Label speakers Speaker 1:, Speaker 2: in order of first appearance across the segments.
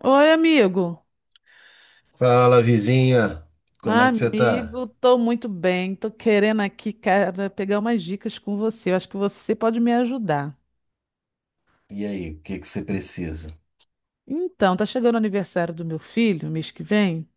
Speaker 1: Oi, amigo.
Speaker 2: Fala, vizinha. Como é que você tá?
Speaker 1: Amigo, tô muito bem. Tô querendo aqui, cara, pegar umas dicas com você. Eu acho que você pode me ajudar.
Speaker 2: E aí, o que que você precisa?
Speaker 1: Então, tá chegando o aniversário do meu filho, mês que vem,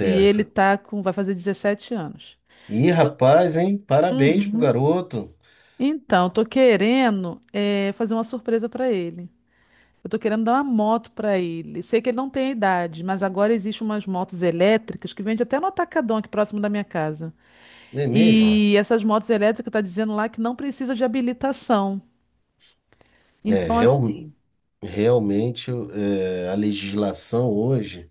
Speaker 1: e vai fazer 17 anos.
Speaker 2: Ih,
Speaker 1: Eu-
Speaker 2: rapaz, hein? Parabéns pro
Speaker 1: Uhum.
Speaker 2: garoto.
Speaker 1: Então, tô querendo fazer uma surpresa para ele. Eu tô querendo dar uma moto para ele. Sei que ele não tem a idade, mas agora existem umas motos elétricas que vende até no Atacadão aqui próximo da minha casa.
Speaker 2: Não é mesmo?
Speaker 1: E essas motos elétricas tá dizendo lá que não precisa de habilitação.
Speaker 2: É,
Speaker 1: Então, assim,
Speaker 2: realmente é, a legislação hoje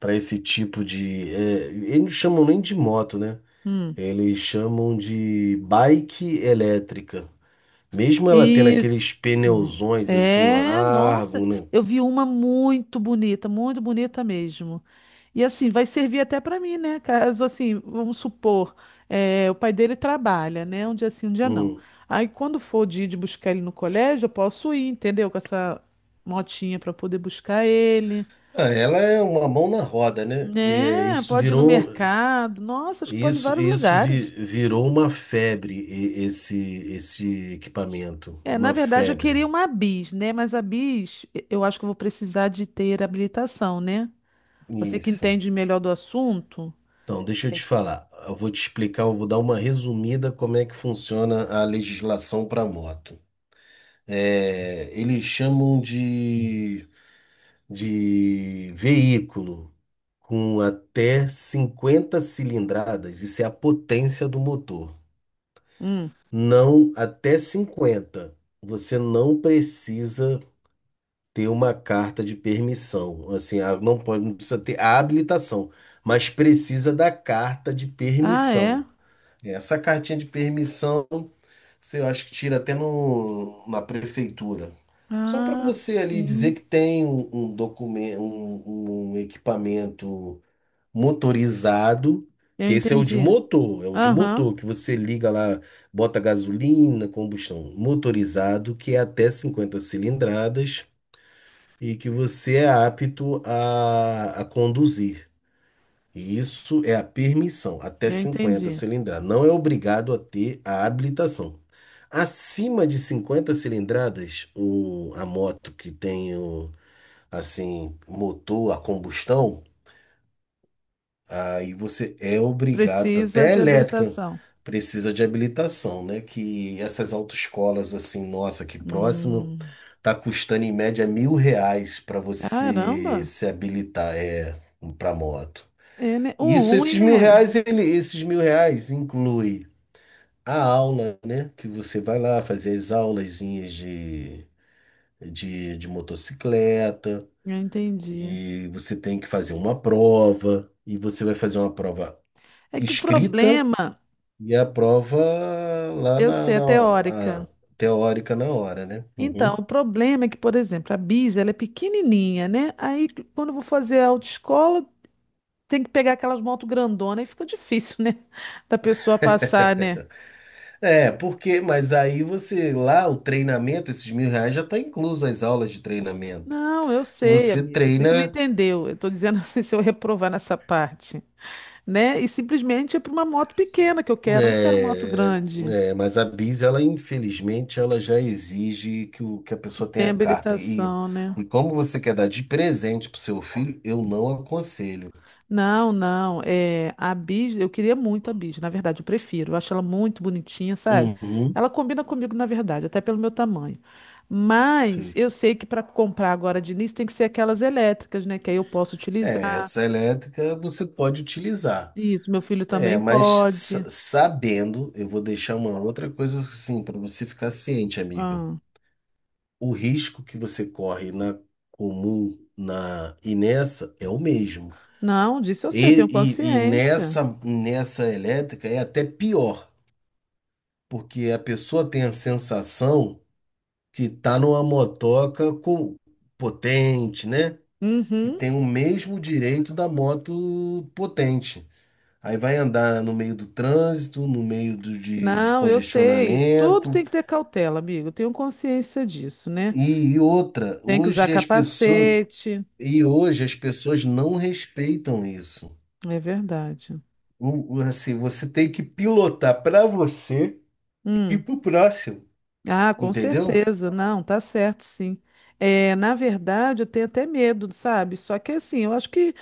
Speaker 2: para esse tipo de, eles não chamam nem de moto, né?
Speaker 1: hum,
Speaker 2: Eles chamam de bike elétrica. Mesmo ela tendo
Speaker 1: isso.
Speaker 2: aqueles pneuzões assim
Speaker 1: É,
Speaker 2: largo,
Speaker 1: nossa,
Speaker 2: né?
Speaker 1: eu vi uma muito bonita mesmo. E assim, vai servir até para mim, né? Caso assim, vamos supor, o pai dele trabalha, né? Um dia sim, um dia não.
Speaker 2: Hum.
Speaker 1: Aí quando for o dia de buscar ele no colégio, eu posso ir, entendeu? Com essa motinha para poder buscar ele.
Speaker 2: Ah, ela é uma mão na roda, né? É,
Speaker 1: Né?
Speaker 2: isso
Speaker 1: Pode ir no
Speaker 2: virou um.
Speaker 1: mercado. Nossa, acho que pode ir em
Speaker 2: Isso,
Speaker 1: vários lugares.
Speaker 2: virou uma febre, esse equipamento.
Speaker 1: É, na
Speaker 2: Uma
Speaker 1: verdade, eu
Speaker 2: febre.
Speaker 1: queria uma bis, né? Mas a bis, eu acho que eu vou precisar de ter habilitação, né? Você que
Speaker 2: Isso.
Speaker 1: entende melhor do assunto.
Speaker 2: Então, deixa eu te falar. Eu vou te explicar, eu vou dar uma resumida como é que funciona a legislação para moto. É, eles chamam de veículo com até 50 cilindradas. Isso é a potência do motor.
Speaker 1: Hum.
Speaker 2: Não, até 50. Você não precisa ter uma carta de permissão. Assim, não pode, não precisa ter a habilitação, mas precisa da carta de
Speaker 1: Ah,
Speaker 2: permissão.
Speaker 1: é?
Speaker 2: Essa cartinha de permissão, você eu acho que tira até no, na prefeitura. Só para
Speaker 1: Ah,
Speaker 2: você ali dizer que
Speaker 1: sim.
Speaker 2: tem um documento, um equipamento motorizado,
Speaker 1: Eu
Speaker 2: que esse é o de
Speaker 1: entendi.
Speaker 2: motor,
Speaker 1: Aham,
Speaker 2: que você liga lá, bota gasolina, combustão motorizado, que é até 50 cilindradas e que você é apto a conduzir. E isso é a permissão, até
Speaker 1: eu
Speaker 2: 50
Speaker 1: entendi.
Speaker 2: cilindradas. Não é obrigado a ter a habilitação. Acima de 50 cilindradas, a moto que tem assim, motor a combustão, aí você é obrigado,
Speaker 1: Precisa
Speaker 2: até a
Speaker 1: de
Speaker 2: elétrica
Speaker 1: habilitação.
Speaker 2: precisa de habilitação, né? Que essas autoescolas, assim, nossa, que próximo,
Speaker 1: Hum.
Speaker 2: tá custando em média R$ 1.000 para você
Speaker 1: Caramba.
Speaker 2: se habilitar, para moto.
Speaker 1: É, né? O
Speaker 2: Isso,
Speaker 1: ruim, né?
Speaker 2: esses R$ 1.000 inclui a aula, né? Que você vai lá fazer as aulazinhas de motocicleta,
Speaker 1: Eu entendi.
Speaker 2: e você tem que fazer uma prova. E você vai fazer uma prova
Speaker 1: É que o
Speaker 2: escrita.
Speaker 1: problema,
Speaker 2: E a prova lá
Speaker 1: eu sei, é teórica.
Speaker 2: a teórica na hora, né?
Speaker 1: Então,
Speaker 2: Uhum.
Speaker 1: o problema é que, por exemplo, a Bis, ela é pequenininha, né? Aí, quando eu vou fazer a autoescola, tem que pegar aquelas motos grandonas e fica difícil, né? Da pessoa passar, né?
Speaker 2: É, porque, mas aí você, lá o treinamento, esses R$ 1.000 já está incluso as aulas de treinamento.
Speaker 1: Não, eu sei,
Speaker 2: Você
Speaker 1: amigo. Você que não
Speaker 2: treina,
Speaker 1: entendeu. Eu tô dizendo assim, se eu reprovar nessa parte, né? E simplesmente é para uma moto pequena que eu quero. Eu não quero moto
Speaker 2: é,
Speaker 1: grande,
Speaker 2: mas a Bis, ela infelizmente, ela já exige que a
Speaker 1: que
Speaker 2: pessoa
Speaker 1: tem
Speaker 2: tenha carta. E,
Speaker 1: habilitação, né?
Speaker 2: e como você quer dar de presente para o seu filho, eu não aconselho.
Speaker 1: Não, não. É, a Bis, eu queria muito a Bis. Na verdade, eu prefiro. Eu acho ela muito bonitinha, sabe?
Speaker 2: Uhum,
Speaker 1: Ela combina comigo, na verdade, até pelo meu tamanho. Mas
Speaker 2: sim.
Speaker 1: eu sei que para comprar agora de início tem que ser aquelas elétricas, né? Que aí eu posso
Speaker 2: É,
Speaker 1: utilizar.
Speaker 2: essa elétrica você pode utilizar.
Speaker 1: Isso, meu filho
Speaker 2: É,
Speaker 1: também
Speaker 2: mas
Speaker 1: pode.
Speaker 2: sabendo, eu vou deixar uma outra coisa assim para você ficar ciente, amiga.
Speaker 1: Ah,
Speaker 2: O risco que você corre na comum, na e nessa é o mesmo.
Speaker 1: não, disso eu sei,
Speaker 2: E,
Speaker 1: eu tenho
Speaker 2: e
Speaker 1: consciência.
Speaker 2: nessa elétrica é até pior, porque a pessoa tem a sensação que tá numa motoca, com, potente, né? Que
Speaker 1: Uhum.
Speaker 2: tem o mesmo direito da moto potente. Aí vai andar no meio do trânsito, no meio de
Speaker 1: Não, eu sei. Tudo
Speaker 2: congestionamento.
Speaker 1: tem que ter cautela, amigo. Eu tenho consciência disso, né?
Speaker 2: E outra,
Speaker 1: Tem que usar capacete.
Speaker 2: e hoje as pessoas não respeitam isso.
Speaker 1: É verdade.
Speaker 2: Assim, você tem que pilotar para você e
Speaker 1: Hum.
Speaker 2: para o próximo,
Speaker 1: Ah, com
Speaker 2: entendeu?
Speaker 1: certeza. Não, tá certo, sim. É, na verdade, eu tenho até medo, sabe? Só que assim, eu acho que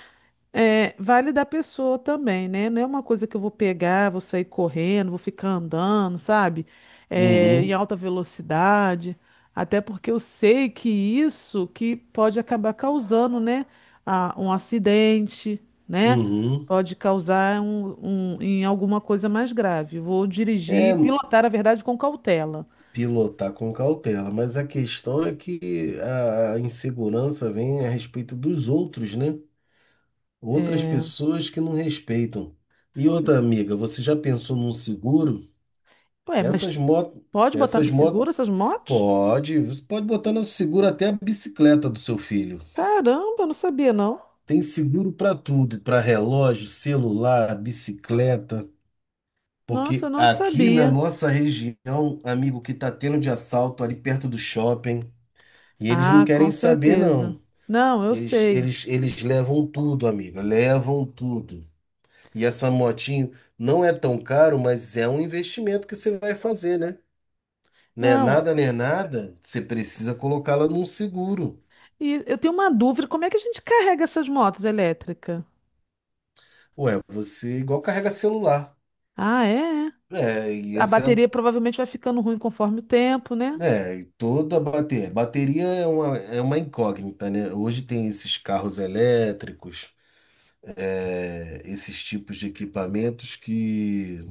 Speaker 1: vale da pessoa também, né? Não é uma coisa que eu vou pegar, vou sair correndo, vou ficar andando, sabe? É, em
Speaker 2: Uhum,
Speaker 1: alta velocidade. Até porque eu sei que isso que pode acabar causando, né? Um acidente, né?
Speaker 2: uhum.
Speaker 1: Pode causar em alguma coisa mais grave. Vou
Speaker 2: É
Speaker 1: dirigir, pilotar, na verdade, com cautela.
Speaker 2: pilotar com cautela, mas a questão é que a insegurança vem a respeito dos outros, né? Outras pessoas que não respeitam. E outra amiga, você já pensou num seguro?
Speaker 1: Ué, mas
Speaker 2: Essas motos,
Speaker 1: pode botar no
Speaker 2: essas motos,
Speaker 1: seguro essas motos?
Speaker 2: pode, você pode botar no seguro até a bicicleta do seu filho.
Speaker 1: Caramba, não sabia não.
Speaker 2: Tem seguro para tudo, para relógio, celular, bicicleta,
Speaker 1: Nossa, eu
Speaker 2: porque
Speaker 1: não
Speaker 2: aqui na
Speaker 1: sabia.
Speaker 2: nossa região, amigo, que tá tendo de assalto ali perto do shopping, e eles não
Speaker 1: Ah,
Speaker 2: querem
Speaker 1: com
Speaker 2: saber
Speaker 1: certeza.
Speaker 2: não.
Speaker 1: Não, eu
Speaker 2: Eles,
Speaker 1: sei.
Speaker 2: eles, eles levam tudo, amiga, levam tudo. E essa motinho não é tão caro, mas é um investimento que você vai fazer, né? Né?
Speaker 1: Não.
Speaker 2: Nada, né? Nada. Você precisa colocá-la num seguro.
Speaker 1: E eu tenho uma dúvida, como é que a gente carrega essas motos elétricas?
Speaker 2: Ué, você é igual carrega celular.
Speaker 1: Ah, é? É.
Speaker 2: É, e
Speaker 1: A
Speaker 2: essa,
Speaker 1: bateria provavelmente vai ficando ruim conforme o tempo, né?
Speaker 2: é, e toda bateria. Bateria é uma incógnita, né? Hoje tem esses carros elétricos, esses tipos de equipamentos que,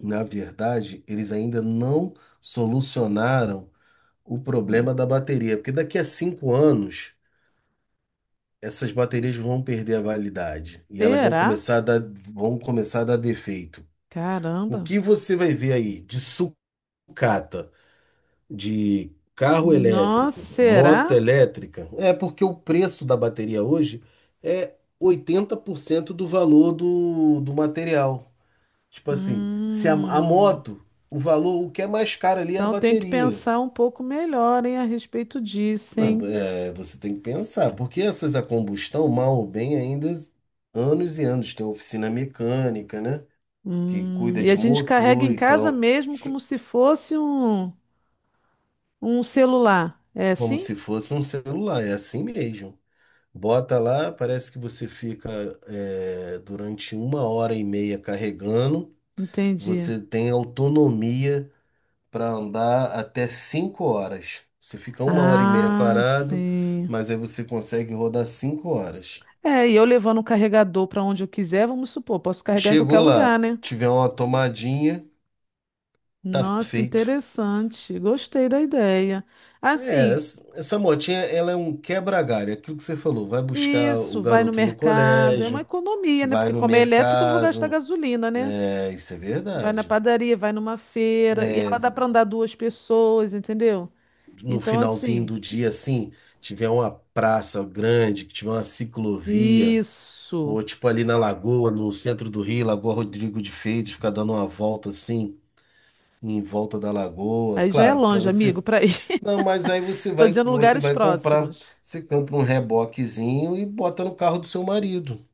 Speaker 2: na verdade, eles ainda não solucionaram o
Speaker 1: Ah,
Speaker 2: problema da bateria. Porque daqui a 5 anos essas baterias vão perder a validade e elas
Speaker 1: será?
Speaker 2: vão começar a dar defeito. O
Speaker 1: Caramba.
Speaker 2: que você vai ver aí de sucata, de carro elétrico,
Speaker 1: Nossa,
Speaker 2: moto
Speaker 1: será?
Speaker 2: elétrica, é porque o preço da bateria hoje é 80% do valor do material. Tipo assim, se a
Speaker 1: Hum.
Speaker 2: moto, o valor, o que é mais caro ali é a
Speaker 1: Então eu tenho que
Speaker 2: bateria.
Speaker 1: pensar um pouco melhor, hein, a respeito disso,
Speaker 2: Não,
Speaker 1: hein?
Speaker 2: é, você tem que pensar, porque essas a combustão, mal ou bem, ainda anos e anos. Tem oficina mecânica, né? Que cuida
Speaker 1: E a
Speaker 2: de
Speaker 1: gente carrega
Speaker 2: motor
Speaker 1: em
Speaker 2: e
Speaker 1: casa
Speaker 2: tal,
Speaker 1: mesmo como se fosse um, celular. É
Speaker 2: como
Speaker 1: assim?
Speaker 2: se fosse um celular, é assim mesmo. Bota lá, parece que você fica durante 1 hora e meia carregando.
Speaker 1: Entendi.
Speaker 2: Você tem autonomia para andar até 5 horas. Você fica 1 hora e meia
Speaker 1: Ah,
Speaker 2: parado,
Speaker 1: sim.
Speaker 2: mas aí você consegue rodar 5 horas.
Speaker 1: É, e eu levando o carregador para onde eu quiser, vamos supor, posso carregar em qualquer
Speaker 2: Chegou lá,
Speaker 1: lugar, né?
Speaker 2: tiver uma tomadinha, tá
Speaker 1: Nossa,
Speaker 2: feito.
Speaker 1: interessante. Gostei da ideia.
Speaker 2: É,
Speaker 1: Assim,
Speaker 2: essa motinha, ela é um quebra-galho, é aquilo que você falou, vai buscar o
Speaker 1: isso, vai no
Speaker 2: garoto no
Speaker 1: mercado, é uma
Speaker 2: colégio,
Speaker 1: economia, né?
Speaker 2: vai
Speaker 1: Porque
Speaker 2: no
Speaker 1: como é elétrico, eu não vou gastar
Speaker 2: mercado,
Speaker 1: gasolina, né?
Speaker 2: isso é
Speaker 1: Vai na
Speaker 2: verdade.
Speaker 1: padaria, vai numa feira, e
Speaker 2: É,
Speaker 1: ela dá para andar duas pessoas, entendeu?
Speaker 2: no
Speaker 1: Então,
Speaker 2: finalzinho
Speaker 1: assim.
Speaker 2: do dia, assim, tiver uma praça grande, que tiver uma ciclovia,
Speaker 1: Isso.
Speaker 2: ou tipo ali na Lagoa, no centro do Rio, Lagoa Rodrigo de Freitas, ficar dando uma volta assim, em volta da Lagoa,
Speaker 1: Aí já é
Speaker 2: claro, para
Speaker 1: longe,
Speaker 2: você.
Speaker 1: amigo, para ir.
Speaker 2: Não, mas aí
Speaker 1: Tô dizendo
Speaker 2: você
Speaker 1: lugares
Speaker 2: vai comprar.
Speaker 1: próximos.
Speaker 2: Você compra um reboquezinho e bota no carro do seu marido.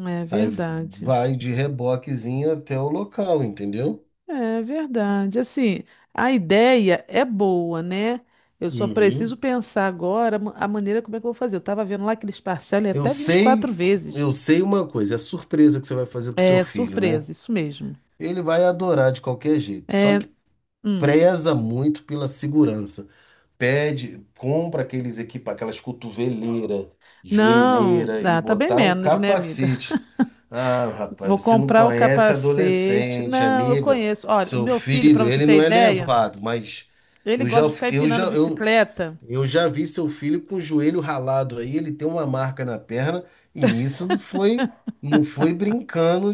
Speaker 1: É
Speaker 2: Aí
Speaker 1: verdade.
Speaker 2: vai de reboquezinho até o local, entendeu?
Speaker 1: É verdade. Assim, a ideia é boa, né? Eu só preciso
Speaker 2: Uhum.
Speaker 1: pensar agora a maneira como é que eu vou fazer. Eu tava vendo lá que eles parcelam em
Speaker 2: Eu
Speaker 1: até 24
Speaker 2: sei,
Speaker 1: vezes.
Speaker 2: eu sei uma coisa, é a surpresa que você vai fazer pro seu
Speaker 1: É
Speaker 2: filho, né?
Speaker 1: surpresa, isso mesmo.
Speaker 2: Ele vai adorar de qualquer jeito, só
Speaker 1: É,
Speaker 2: que
Speaker 1: hum.
Speaker 2: preza muito pela segurança. Pede, compra aquelas cotoveleira,
Speaker 1: Não,
Speaker 2: joelheira e
Speaker 1: ah, tá bem
Speaker 2: botar o
Speaker 1: menos, né, amiga?
Speaker 2: capacete. Ah,
Speaker 1: Vou
Speaker 2: rapaz, você não
Speaker 1: comprar o
Speaker 2: conhece
Speaker 1: capacete.
Speaker 2: adolescente,
Speaker 1: Não, eu
Speaker 2: amiga.
Speaker 1: conheço. Olha, o
Speaker 2: Seu
Speaker 1: meu filho, para
Speaker 2: filho,
Speaker 1: você
Speaker 2: ele
Speaker 1: ter
Speaker 2: não é
Speaker 1: ideia,
Speaker 2: levado, mas
Speaker 1: ele
Speaker 2: eu já,
Speaker 1: gosta de ficar
Speaker 2: eu
Speaker 1: empinando
Speaker 2: já, eu,
Speaker 1: bicicleta.
Speaker 2: eu já vi seu filho com o joelho ralado aí. Ele tem uma marca na perna, e isso não foi, não foi brincando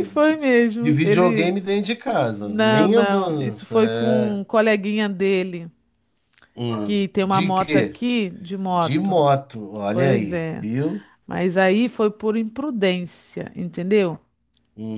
Speaker 1: E foi
Speaker 2: de
Speaker 1: mesmo. Ele.
Speaker 2: videogame dentro de casa,
Speaker 1: Não,
Speaker 2: nem
Speaker 1: não.
Speaker 2: andando.
Speaker 1: Isso foi com
Speaker 2: É.
Speaker 1: um coleguinha dele, que tem uma
Speaker 2: De
Speaker 1: moto
Speaker 2: quê?
Speaker 1: aqui de
Speaker 2: De
Speaker 1: moto.
Speaker 2: moto, olha
Speaker 1: Pois
Speaker 2: aí,
Speaker 1: é.
Speaker 2: viu?
Speaker 1: Mas aí foi por imprudência, entendeu?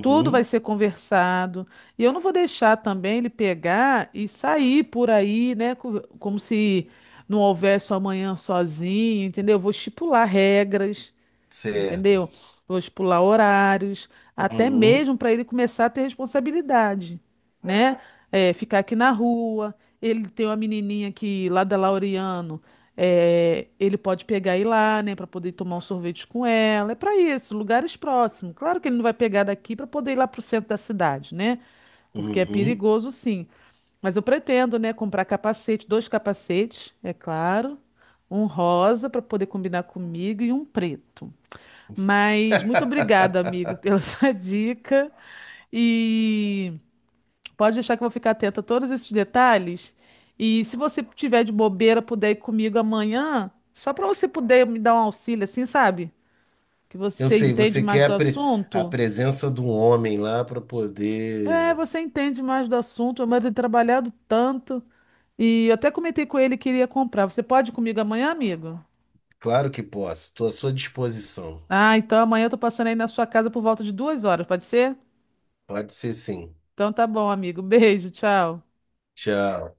Speaker 1: Tudo vai ser conversado. E eu não vou deixar também ele pegar e sair por aí, né? Como se não houvesse um amanhã sozinho, entendeu? Eu vou estipular regras.
Speaker 2: certo.
Speaker 1: Entendeu? Vou pular horários, até
Speaker 2: Uhum,
Speaker 1: mesmo para ele começar a ter responsabilidade, né? É, ficar aqui na rua. Ele tem uma menininha que lá da Laureano, ele pode pegar e ir lá, né, para poder tomar um sorvete com ela. É para isso, lugares próximos. Claro que ele não vai pegar daqui para poder ir lá para o centro da cidade, né? Porque é
Speaker 2: uhum.
Speaker 1: perigoso, sim. Mas eu pretendo, né, comprar capacete, dois capacetes, é claro, um rosa para poder combinar comigo e um preto. Mas muito obrigada, amigo, pela sua dica. E pode deixar que eu vou ficar atenta a todos esses detalhes. E se você tiver de bobeira, puder ir comigo amanhã, só para você poder me dar um auxílio, assim, sabe? Que
Speaker 2: Eu
Speaker 1: você
Speaker 2: sei,
Speaker 1: entende
Speaker 2: você
Speaker 1: mais
Speaker 2: quer
Speaker 1: do
Speaker 2: a
Speaker 1: assunto.
Speaker 2: presença do homem lá para
Speaker 1: É,
Speaker 2: poder.
Speaker 1: você entende mais do assunto, mas tem trabalhado tanto. E eu até comentei com ele que iria comprar. Você pode ir comigo amanhã, amigo?
Speaker 2: Claro que posso, estou à sua disposição.
Speaker 1: Ah, então amanhã eu tô passando aí na sua casa por volta de 2 horas, pode ser?
Speaker 2: Pode ser sim.
Speaker 1: Então tá bom, amigo. Beijo, tchau.
Speaker 2: Tchau.